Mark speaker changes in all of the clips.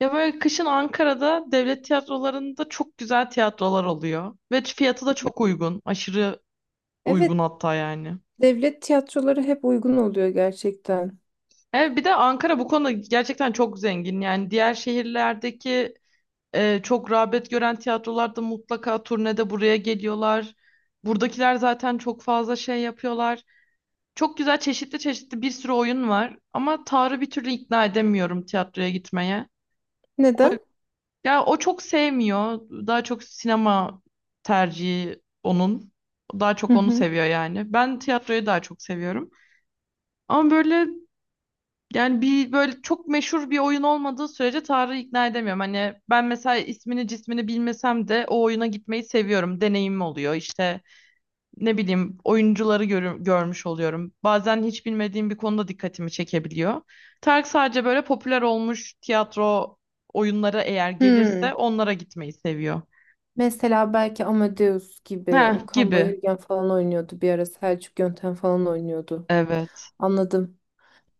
Speaker 1: Ya böyle kışın Ankara'da devlet tiyatrolarında çok güzel tiyatrolar oluyor. Ve fiyatı da çok uygun. Aşırı uygun
Speaker 2: Evet,
Speaker 1: hatta yani.
Speaker 2: devlet tiyatroları hep uygun oluyor gerçekten.
Speaker 1: Evet, bir de Ankara bu konuda gerçekten çok zengin. Yani diğer şehirlerdeki çok rağbet gören tiyatrolarda mutlaka turnede buraya geliyorlar. Buradakiler zaten çok fazla şey yapıyorlar. Çok güzel çeşitli çeşitli bir sürü oyun var. Ama Tarık'ı bir türlü ikna edemiyorum tiyatroya gitmeye.
Speaker 2: Neden?
Speaker 1: Ya o çok sevmiyor. Daha çok sinema tercihi onun. Daha
Speaker 2: Hı
Speaker 1: çok onu
Speaker 2: hı.
Speaker 1: seviyor yani. Ben tiyatroyu daha çok seviyorum. Ama böyle yani bir böyle çok meşhur bir oyun olmadığı sürece Tarık'ı ikna edemiyorum. Hani ben mesela ismini cismini bilmesem de o oyuna gitmeyi seviyorum. Deneyimim oluyor. İşte ne bileyim oyuncuları görmüş oluyorum. Bazen hiç bilmediğim bir konuda dikkatimi çekebiliyor. Tarık sadece böyle popüler olmuş tiyatro oyunlara eğer gelirse
Speaker 2: Hmm.
Speaker 1: onlara gitmeyi seviyor.
Speaker 2: Mesela belki Amadeus gibi
Speaker 1: Ha
Speaker 2: Okan
Speaker 1: gibi.
Speaker 2: Bayülgen falan oynuyordu bir ara Selçuk Yöntem falan oynuyordu.
Speaker 1: Evet.
Speaker 2: Anladım.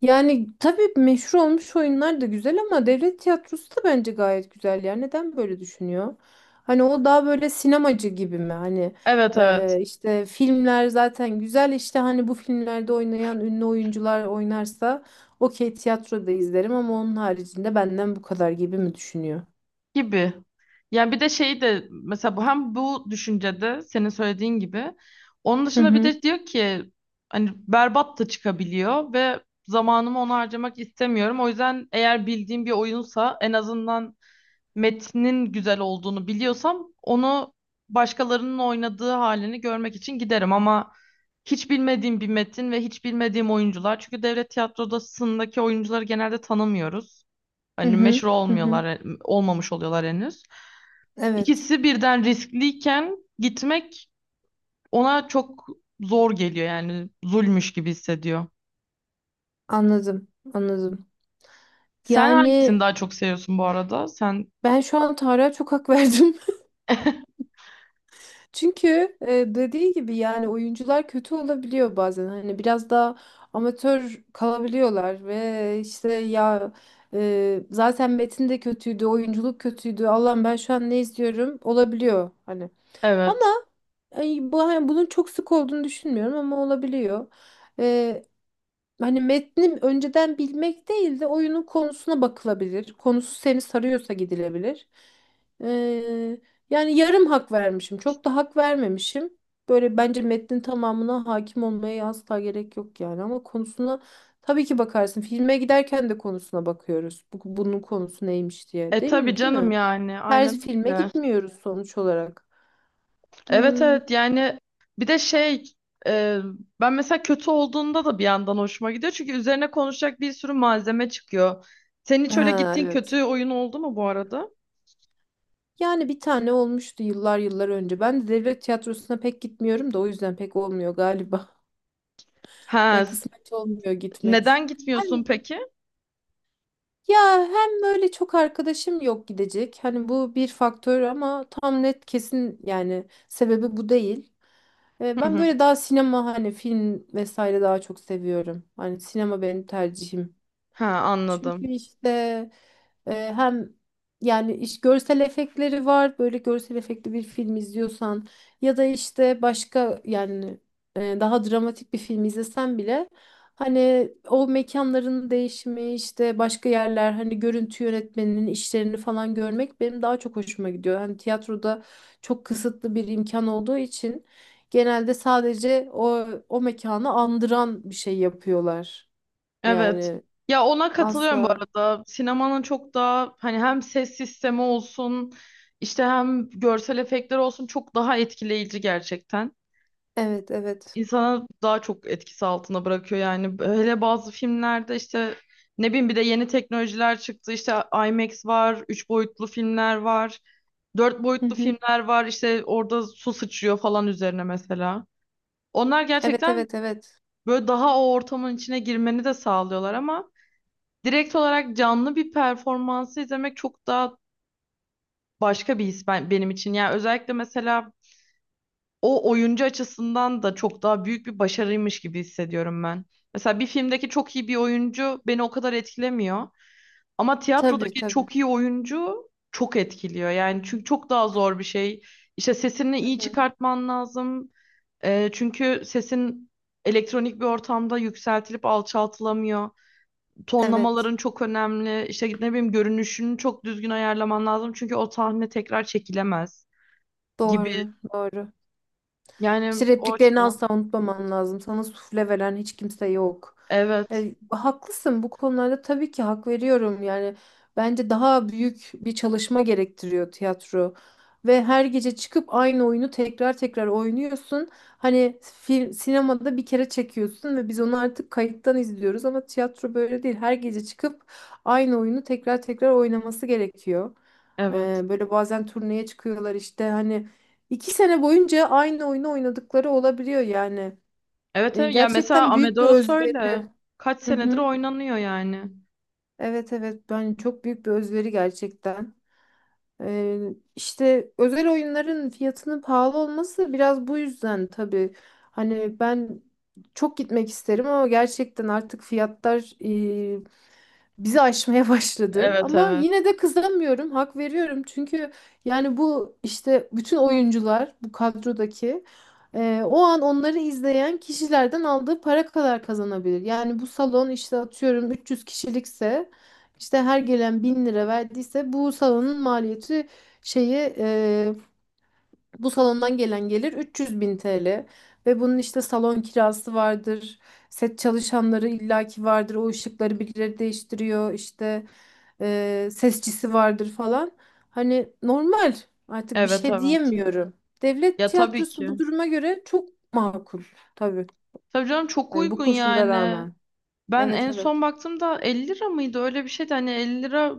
Speaker 2: Yani tabii meşhur olmuş oyunlar da güzel ama devlet tiyatrosu da bence gayet güzel. Yani neden böyle düşünüyor? Hani o daha böyle sinemacı gibi mi? Hani
Speaker 1: Evet evet.
Speaker 2: işte filmler zaten güzel işte hani bu filmlerde oynayan ünlü oyuncular oynarsa okey tiyatroda izlerim ama onun haricinde benden bu kadar gibi mi düşünüyor?
Speaker 1: Gibi. Yani bir de şeyi de mesela bu hem bu düşüncede senin söylediğin gibi onun
Speaker 2: Hı
Speaker 1: dışında bir
Speaker 2: hı
Speaker 1: de diyor ki hani berbat da çıkabiliyor ve zamanımı ona harcamak istemiyorum. O yüzden eğer bildiğim bir oyunsa en azından metnin güzel olduğunu biliyorsam onu başkalarının oynadığı halini görmek için giderim ama hiç bilmediğim bir metin ve hiç bilmediğim oyuncular çünkü devlet tiyatrosundaki oyuncuları genelde tanımıyoruz.
Speaker 2: hı
Speaker 1: Hani
Speaker 2: hı
Speaker 1: meşhur
Speaker 2: hı
Speaker 1: olmuyorlar,
Speaker 2: hı.
Speaker 1: olmamış oluyorlar henüz.
Speaker 2: Evet,
Speaker 1: İkisi birden riskliyken gitmek ona çok zor geliyor yani zulmüş gibi hissediyor.
Speaker 2: anladım anladım.
Speaker 1: Sen
Speaker 2: Yani
Speaker 1: hangisini daha çok seviyorsun bu arada? Sen
Speaker 2: ben şu an Tarık'a çok hak verdim. Çünkü dediği gibi yani oyuncular kötü olabiliyor bazen. Hani biraz daha amatör kalabiliyorlar ve işte ya zaten metin de kötüydü, oyunculuk kötüydü. Allah'ım ben şu an ne izliyorum olabiliyor hani.
Speaker 1: evet.
Speaker 2: Ama ay, bu hani bunun çok sık olduğunu düşünmüyorum ama olabiliyor. Hani metni önceden bilmek değil de oyunun konusuna bakılabilir. Konusu seni sarıyorsa gidilebilir. Ee, Yani yarım hak vermişim. Çok da hak vermemişim. Böyle bence metnin tamamına hakim olmaya asla gerek yok yani. Ama konusuna tabii ki bakarsın. Filme giderken de konusuna bakıyoruz. Bunun konusu neymiş diye.
Speaker 1: E
Speaker 2: Değil
Speaker 1: tabii
Speaker 2: mi? Değil
Speaker 1: canım
Speaker 2: mi?
Speaker 1: yani
Speaker 2: Her
Speaker 1: aynen
Speaker 2: filme
Speaker 1: öyle.
Speaker 2: gitmiyoruz sonuç olarak.
Speaker 1: Evet
Speaker 2: Hmm.
Speaker 1: evet yani bir de e, ben mesela kötü olduğunda da bir yandan hoşuma gidiyor. Çünkü üzerine konuşacak bir sürü malzeme çıkıyor. Senin hiç öyle
Speaker 2: Ha,
Speaker 1: gittiğin
Speaker 2: evet.
Speaker 1: kötü oyun oldu mu bu arada?
Speaker 2: Yani bir tane olmuştu yıllar yıllar önce. Ben de devlet tiyatrosuna pek gitmiyorum da o yüzden pek olmuyor galiba.
Speaker 1: Ha,
Speaker 2: Kısmet olmuyor gitmek.
Speaker 1: neden
Speaker 2: Hani
Speaker 1: gitmiyorsun peki?
Speaker 2: ya hem böyle çok arkadaşım yok gidecek. Hani bu bir faktör ama tam net kesin yani sebebi bu değil.
Speaker 1: Hı
Speaker 2: Ben
Speaker 1: hı.
Speaker 2: böyle daha sinema hani film vesaire daha çok seviyorum. Hani sinema benim tercihim.
Speaker 1: Ha anladım.
Speaker 2: Çünkü işte hem yani iş görsel efektleri var. Böyle görsel efektli bir film izliyorsan ya da işte başka yani daha dramatik bir film izlesen bile hani o mekanların değişimi işte başka yerler hani görüntü yönetmeninin işlerini falan görmek benim daha çok hoşuma gidiyor. Hani tiyatroda çok kısıtlı bir imkan olduğu için genelde sadece o mekanı andıran bir şey yapıyorlar.
Speaker 1: Evet.
Speaker 2: Yani
Speaker 1: Ya ona katılıyorum bu
Speaker 2: asla.
Speaker 1: arada. Sinemanın çok daha hani hem ses sistemi olsun işte hem görsel efektler olsun çok daha etkileyici gerçekten.
Speaker 2: Evet, evet.
Speaker 1: İnsana daha çok etkisi altına bırakıyor yani. Hele bazı filmlerde işte ne bileyim bir de yeni teknolojiler çıktı. İşte IMAX var, üç boyutlu filmler var, dört
Speaker 2: Hı
Speaker 1: boyutlu
Speaker 2: hı.
Speaker 1: filmler var. İşte orada su sıçrıyor falan üzerine mesela. Onlar
Speaker 2: Evet,
Speaker 1: gerçekten
Speaker 2: evet, evet.
Speaker 1: böyle daha o ortamın içine girmeni de sağlıyorlar ama direkt olarak canlı bir performansı izlemek çok daha başka bir his benim için. Yani özellikle mesela o oyuncu açısından da çok daha büyük bir başarıymış gibi hissediyorum ben. Mesela bir filmdeki çok iyi bir oyuncu beni o kadar etkilemiyor. Ama
Speaker 2: Tabii,
Speaker 1: tiyatrodaki
Speaker 2: tabii.
Speaker 1: çok iyi oyuncu çok etkiliyor. Yani çünkü çok daha zor bir şey. İşte sesini iyi çıkartman lazım. Çünkü sesin elektronik bir ortamda yükseltilip alçaltılamıyor.
Speaker 2: Evet.
Speaker 1: Tonlamaların çok önemli. İşte ne bileyim görünüşünü çok düzgün ayarlaman lazım. Çünkü o sahne tekrar çekilemez gibi.
Speaker 2: Doğru, doğru.
Speaker 1: Yani
Speaker 2: İşte
Speaker 1: o
Speaker 2: repliklerini
Speaker 1: açıdan.
Speaker 2: asla unutmaman lazım. Sana sufle veren hiç kimse yok.
Speaker 1: Evet.
Speaker 2: Haklısın bu konularda tabii ki hak veriyorum. Yani bence daha büyük bir çalışma gerektiriyor tiyatro. Ve her gece çıkıp aynı oyunu tekrar tekrar oynuyorsun. Hani film, sinemada bir kere çekiyorsun ve biz onu artık kayıttan izliyoruz ama tiyatro böyle değil. Her gece çıkıp aynı oyunu tekrar tekrar oynaması gerekiyor. E,
Speaker 1: Evet.
Speaker 2: Böyle bazen turneye çıkıyorlar işte hani 2 sene boyunca aynı oyunu oynadıkları olabiliyor yani.
Speaker 1: Evet, evet. Ya mesela
Speaker 2: Gerçekten büyük bir
Speaker 1: Amadeus
Speaker 2: özveri.
Speaker 1: öyle. Kaç
Speaker 2: Hı
Speaker 1: senedir
Speaker 2: hı.
Speaker 1: oynanıyor yani.
Speaker 2: Evet evet ben çok büyük bir özveri gerçekten. E, işte özel oyunların fiyatının pahalı olması biraz bu yüzden tabii. Hani ben çok gitmek isterim ama gerçekten artık fiyatlar bizi aşmaya başladı.
Speaker 1: Evet
Speaker 2: Ama
Speaker 1: evet.
Speaker 2: yine de kızamıyorum, hak veriyorum. Çünkü yani bu işte bütün oyuncular bu kadrodaki o an onları izleyen kişilerden aldığı para kadar kazanabilir. Yani bu salon işte atıyorum 300 kişilikse işte her gelen 1.000 lira verdiyse bu salonun maliyeti şeyi e, bu salondan gelen gelir 300 bin TL ve bunun işte salon kirası vardır, set çalışanları illaki vardır, o ışıkları birileri değiştiriyor, işte sesçisi vardır falan. Hani normal artık bir
Speaker 1: Evet
Speaker 2: şey
Speaker 1: evet.
Speaker 2: diyemiyorum. Devlet
Speaker 1: Ya tabii
Speaker 2: tiyatrosu bu
Speaker 1: ki.
Speaker 2: duruma göre çok makul tabii.
Speaker 1: Tabii canım çok
Speaker 2: Hani bu
Speaker 1: uygun
Speaker 2: koşullara
Speaker 1: yani.
Speaker 2: rağmen.
Speaker 1: Ben
Speaker 2: Evet
Speaker 1: en
Speaker 2: evet.
Speaker 1: son baktığımda 50 lira mıydı? Öyle bir şeydi. Hani 50 lira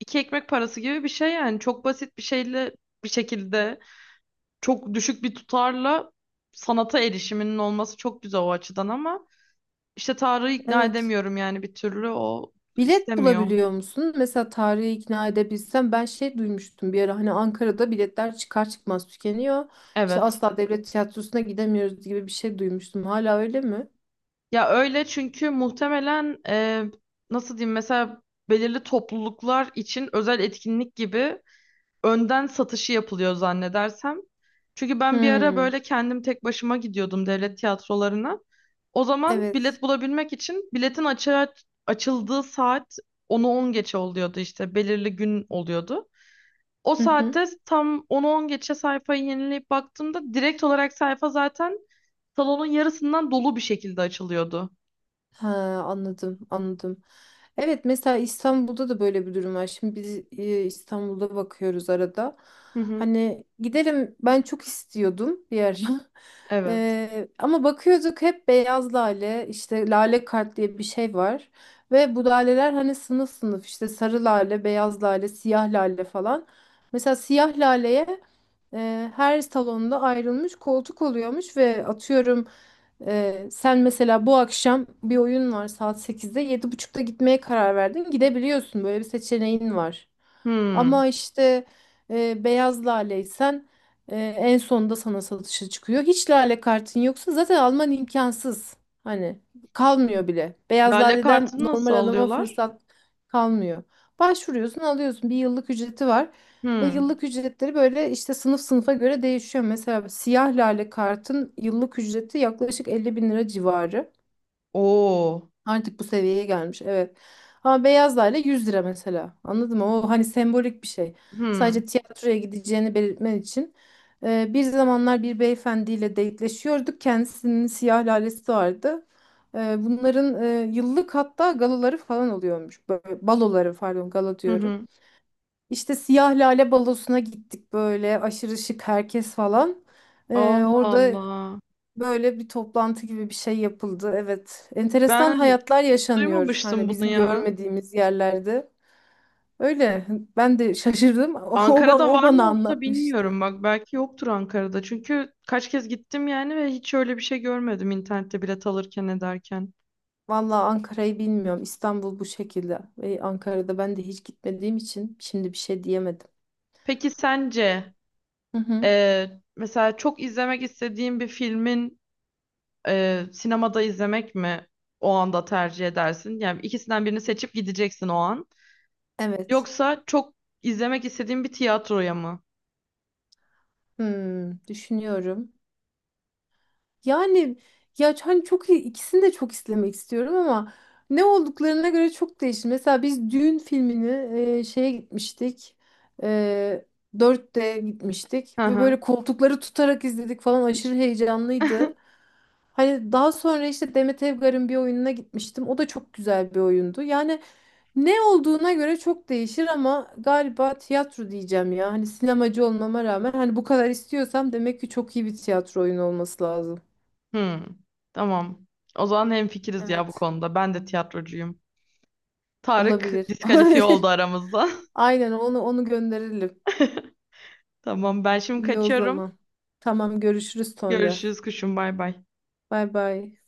Speaker 1: iki ekmek parası gibi bir şey yani. Çok basit bir şeyle bir şekilde çok düşük bir tutarla sanata erişiminin olması çok güzel o açıdan ama işte Tarık'ı ikna
Speaker 2: Evet.
Speaker 1: edemiyorum yani bir türlü o
Speaker 2: Bilet
Speaker 1: istemiyor.
Speaker 2: bulabiliyor musun? Mesela tarihi ikna edebilsem ben şey duymuştum bir ara hani Ankara'da biletler çıkar çıkmaz tükeniyor. İşte
Speaker 1: Evet.
Speaker 2: asla devlet tiyatrosuna gidemiyoruz gibi bir şey duymuştum. Hala öyle mi?
Speaker 1: Ya öyle çünkü muhtemelen nasıl diyeyim mesela belirli topluluklar için özel etkinlik gibi önden satışı yapılıyor zannedersem. Çünkü ben bir ara
Speaker 2: Hmm,
Speaker 1: böyle kendim tek başıma gidiyordum devlet tiyatrolarına. O zaman bilet
Speaker 2: evet.
Speaker 1: bulabilmek için biletin açığa açıldığı saat onu 10 geçe oluyordu işte belirli gün oluyordu. O saatte tam onu 10 geçe sayfayı yenileyip baktığımda direkt olarak sayfa zaten salonun yarısından dolu bir şekilde açılıyordu.
Speaker 2: Ha, anladım, anladım. Evet, mesela İstanbul'da da böyle bir durum var. Şimdi biz İstanbul'da bakıyoruz arada.
Speaker 1: Hı hı.
Speaker 2: Hani gidelim, ben çok istiyordum bir ara.
Speaker 1: Evet.
Speaker 2: Ama bakıyorduk hep beyaz lale, işte lale kart diye bir şey var. Ve bu laleler hani sınıf sınıf işte sarı lale, beyaz lale, siyah lale falan. Mesela siyah laleye her salonda ayrılmış koltuk oluyormuş ve atıyorum sen mesela bu akşam bir oyun var saat 8'de 7.30'da gitmeye karar verdin. Gidebiliyorsun. Böyle bir seçeneğin var.
Speaker 1: Hmm.
Speaker 2: Ama işte beyaz laleysen en sonunda sana satışa çıkıyor. Hiç lale kartın yoksa zaten alman imkansız. Hani kalmıyor bile. Beyaz
Speaker 1: Lale
Speaker 2: laleden
Speaker 1: kartını nasıl
Speaker 2: normal adama
Speaker 1: alıyorlar?
Speaker 2: fırsat kalmıyor. Başvuruyorsun, alıyorsun. Bir yıllık ücreti var. Ve
Speaker 1: Hmm.
Speaker 2: yıllık ücretleri böyle işte sınıf sınıfa göre değişiyor. Mesela siyah lale kartın yıllık ücreti yaklaşık 50 bin lira civarı.
Speaker 1: Oo.
Speaker 2: Artık bu seviyeye gelmiş evet. Ama beyaz lale 100 lira mesela. Anladın mı? O hani sembolik bir şey.
Speaker 1: Hmm.
Speaker 2: Sadece tiyatroya gideceğini belirtmen için. Bir zamanlar bir beyefendiyle date'leşiyorduk. Kendisinin siyah lalesi vardı. Bunların yıllık hatta galaları falan oluyormuş. Böyle baloları pardon gala
Speaker 1: Hı
Speaker 2: diyorum.
Speaker 1: hı.
Speaker 2: İşte Siyah Lale Balosu'na gittik böyle aşırı şık herkes falan.
Speaker 1: Allah
Speaker 2: Orada
Speaker 1: Allah.
Speaker 2: böyle bir toplantı gibi bir şey yapıldı. Evet,
Speaker 1: Ben
Speaker 2: enteresan hayatlar
Speaker 1: hiç
Speaker 2: yaşanıyor
Speaker 1: duymamıştım
Speaker 2: hani
Speaker 1: bunu
Speaker 2: bizim
Speaker 1: ya.
Speaker 2: görmediğimiz yerlerde. Öyle ben de şaşırdım. O, ba-
Speaker 1: Ankara'da
Speaker 2: o
Speaker 1: var mı
Speaker 2: bana
Speaker 1: onu da
Speaker 2: anlatmıştı.
Speaker 1: bilmiyorum. Bak belki yoktur Ankara'da. Çünkü kaç kez gittim yani ve hiç öyle bir şey görmedim internette bilet alırken ederken.
Speaker 2: Vallahi Ankara'yı bilmiyorum. İstanbul bu şekilde. Ve Ankara'da ben de hiç gitmediğim için şimdi bir şey diyemedim.
Speaker 1: Peki sence
Speaker 2: Hı hı.
Speaker 1: e, mesela çok izlemek istediğin bir filmin sinemada izlemek mi o anda tercih edersin? Yani ikisinden birini seçip gideceksin o an.
Speaker 2: Evet.
Speaker 1: Yoksa çok izlemek istediğin bir tiyatroya mı?
Speaker 2: Hmm, düşünüyorum. Yani ya hani ikisini de çok izlemek istiyorum ama ne olduklarına göre çok değişir. Mesela biz düğün filmini şeye gitmiştik. E, 4 gitmiştik
Speaker 1: Hı
Speaker 2: ve
Speaker 1: hı.
Speaker 2: böyle koltukları tutarak izledik falan aşırı heyecanlıydı. Hani daha sonra işte Demet Evgar'ın bir oyununa gitmiştim. O da çok güzel bir oyundu. Yani ne olduğuna göre çok değişir ama galiba tiyatro diyeceğim ya. Hani sinemacı olmama rağmen hani bu kadar istiyorsam demek ki çok iyi bir tiyatro oyunu olması lazım.
Speaker 1: Hmm, tamam. O zaman hemfikiriz ya bu
Speaker 2: Evet.
Speaker 1: konuda. Ben de tiyatrocuyum. Tarık
Speaker 2: Olabilir.
Speaker 1: diskalifiye oldu
Speaker 2: Olabilir.
Speaker 1: aramızda.
Speaker 2: Aynen onu gönderelim.
Speaker 1: Tamam ben şimdi
Speaker 2: İyi o
Speaker 1: kaçıyorum.
Speaker 2: zaman. Tamam görüşürüz sonra.
Speaker 1: Görüşürüz kuşum bay bay.
Speaker 2: Bay bay.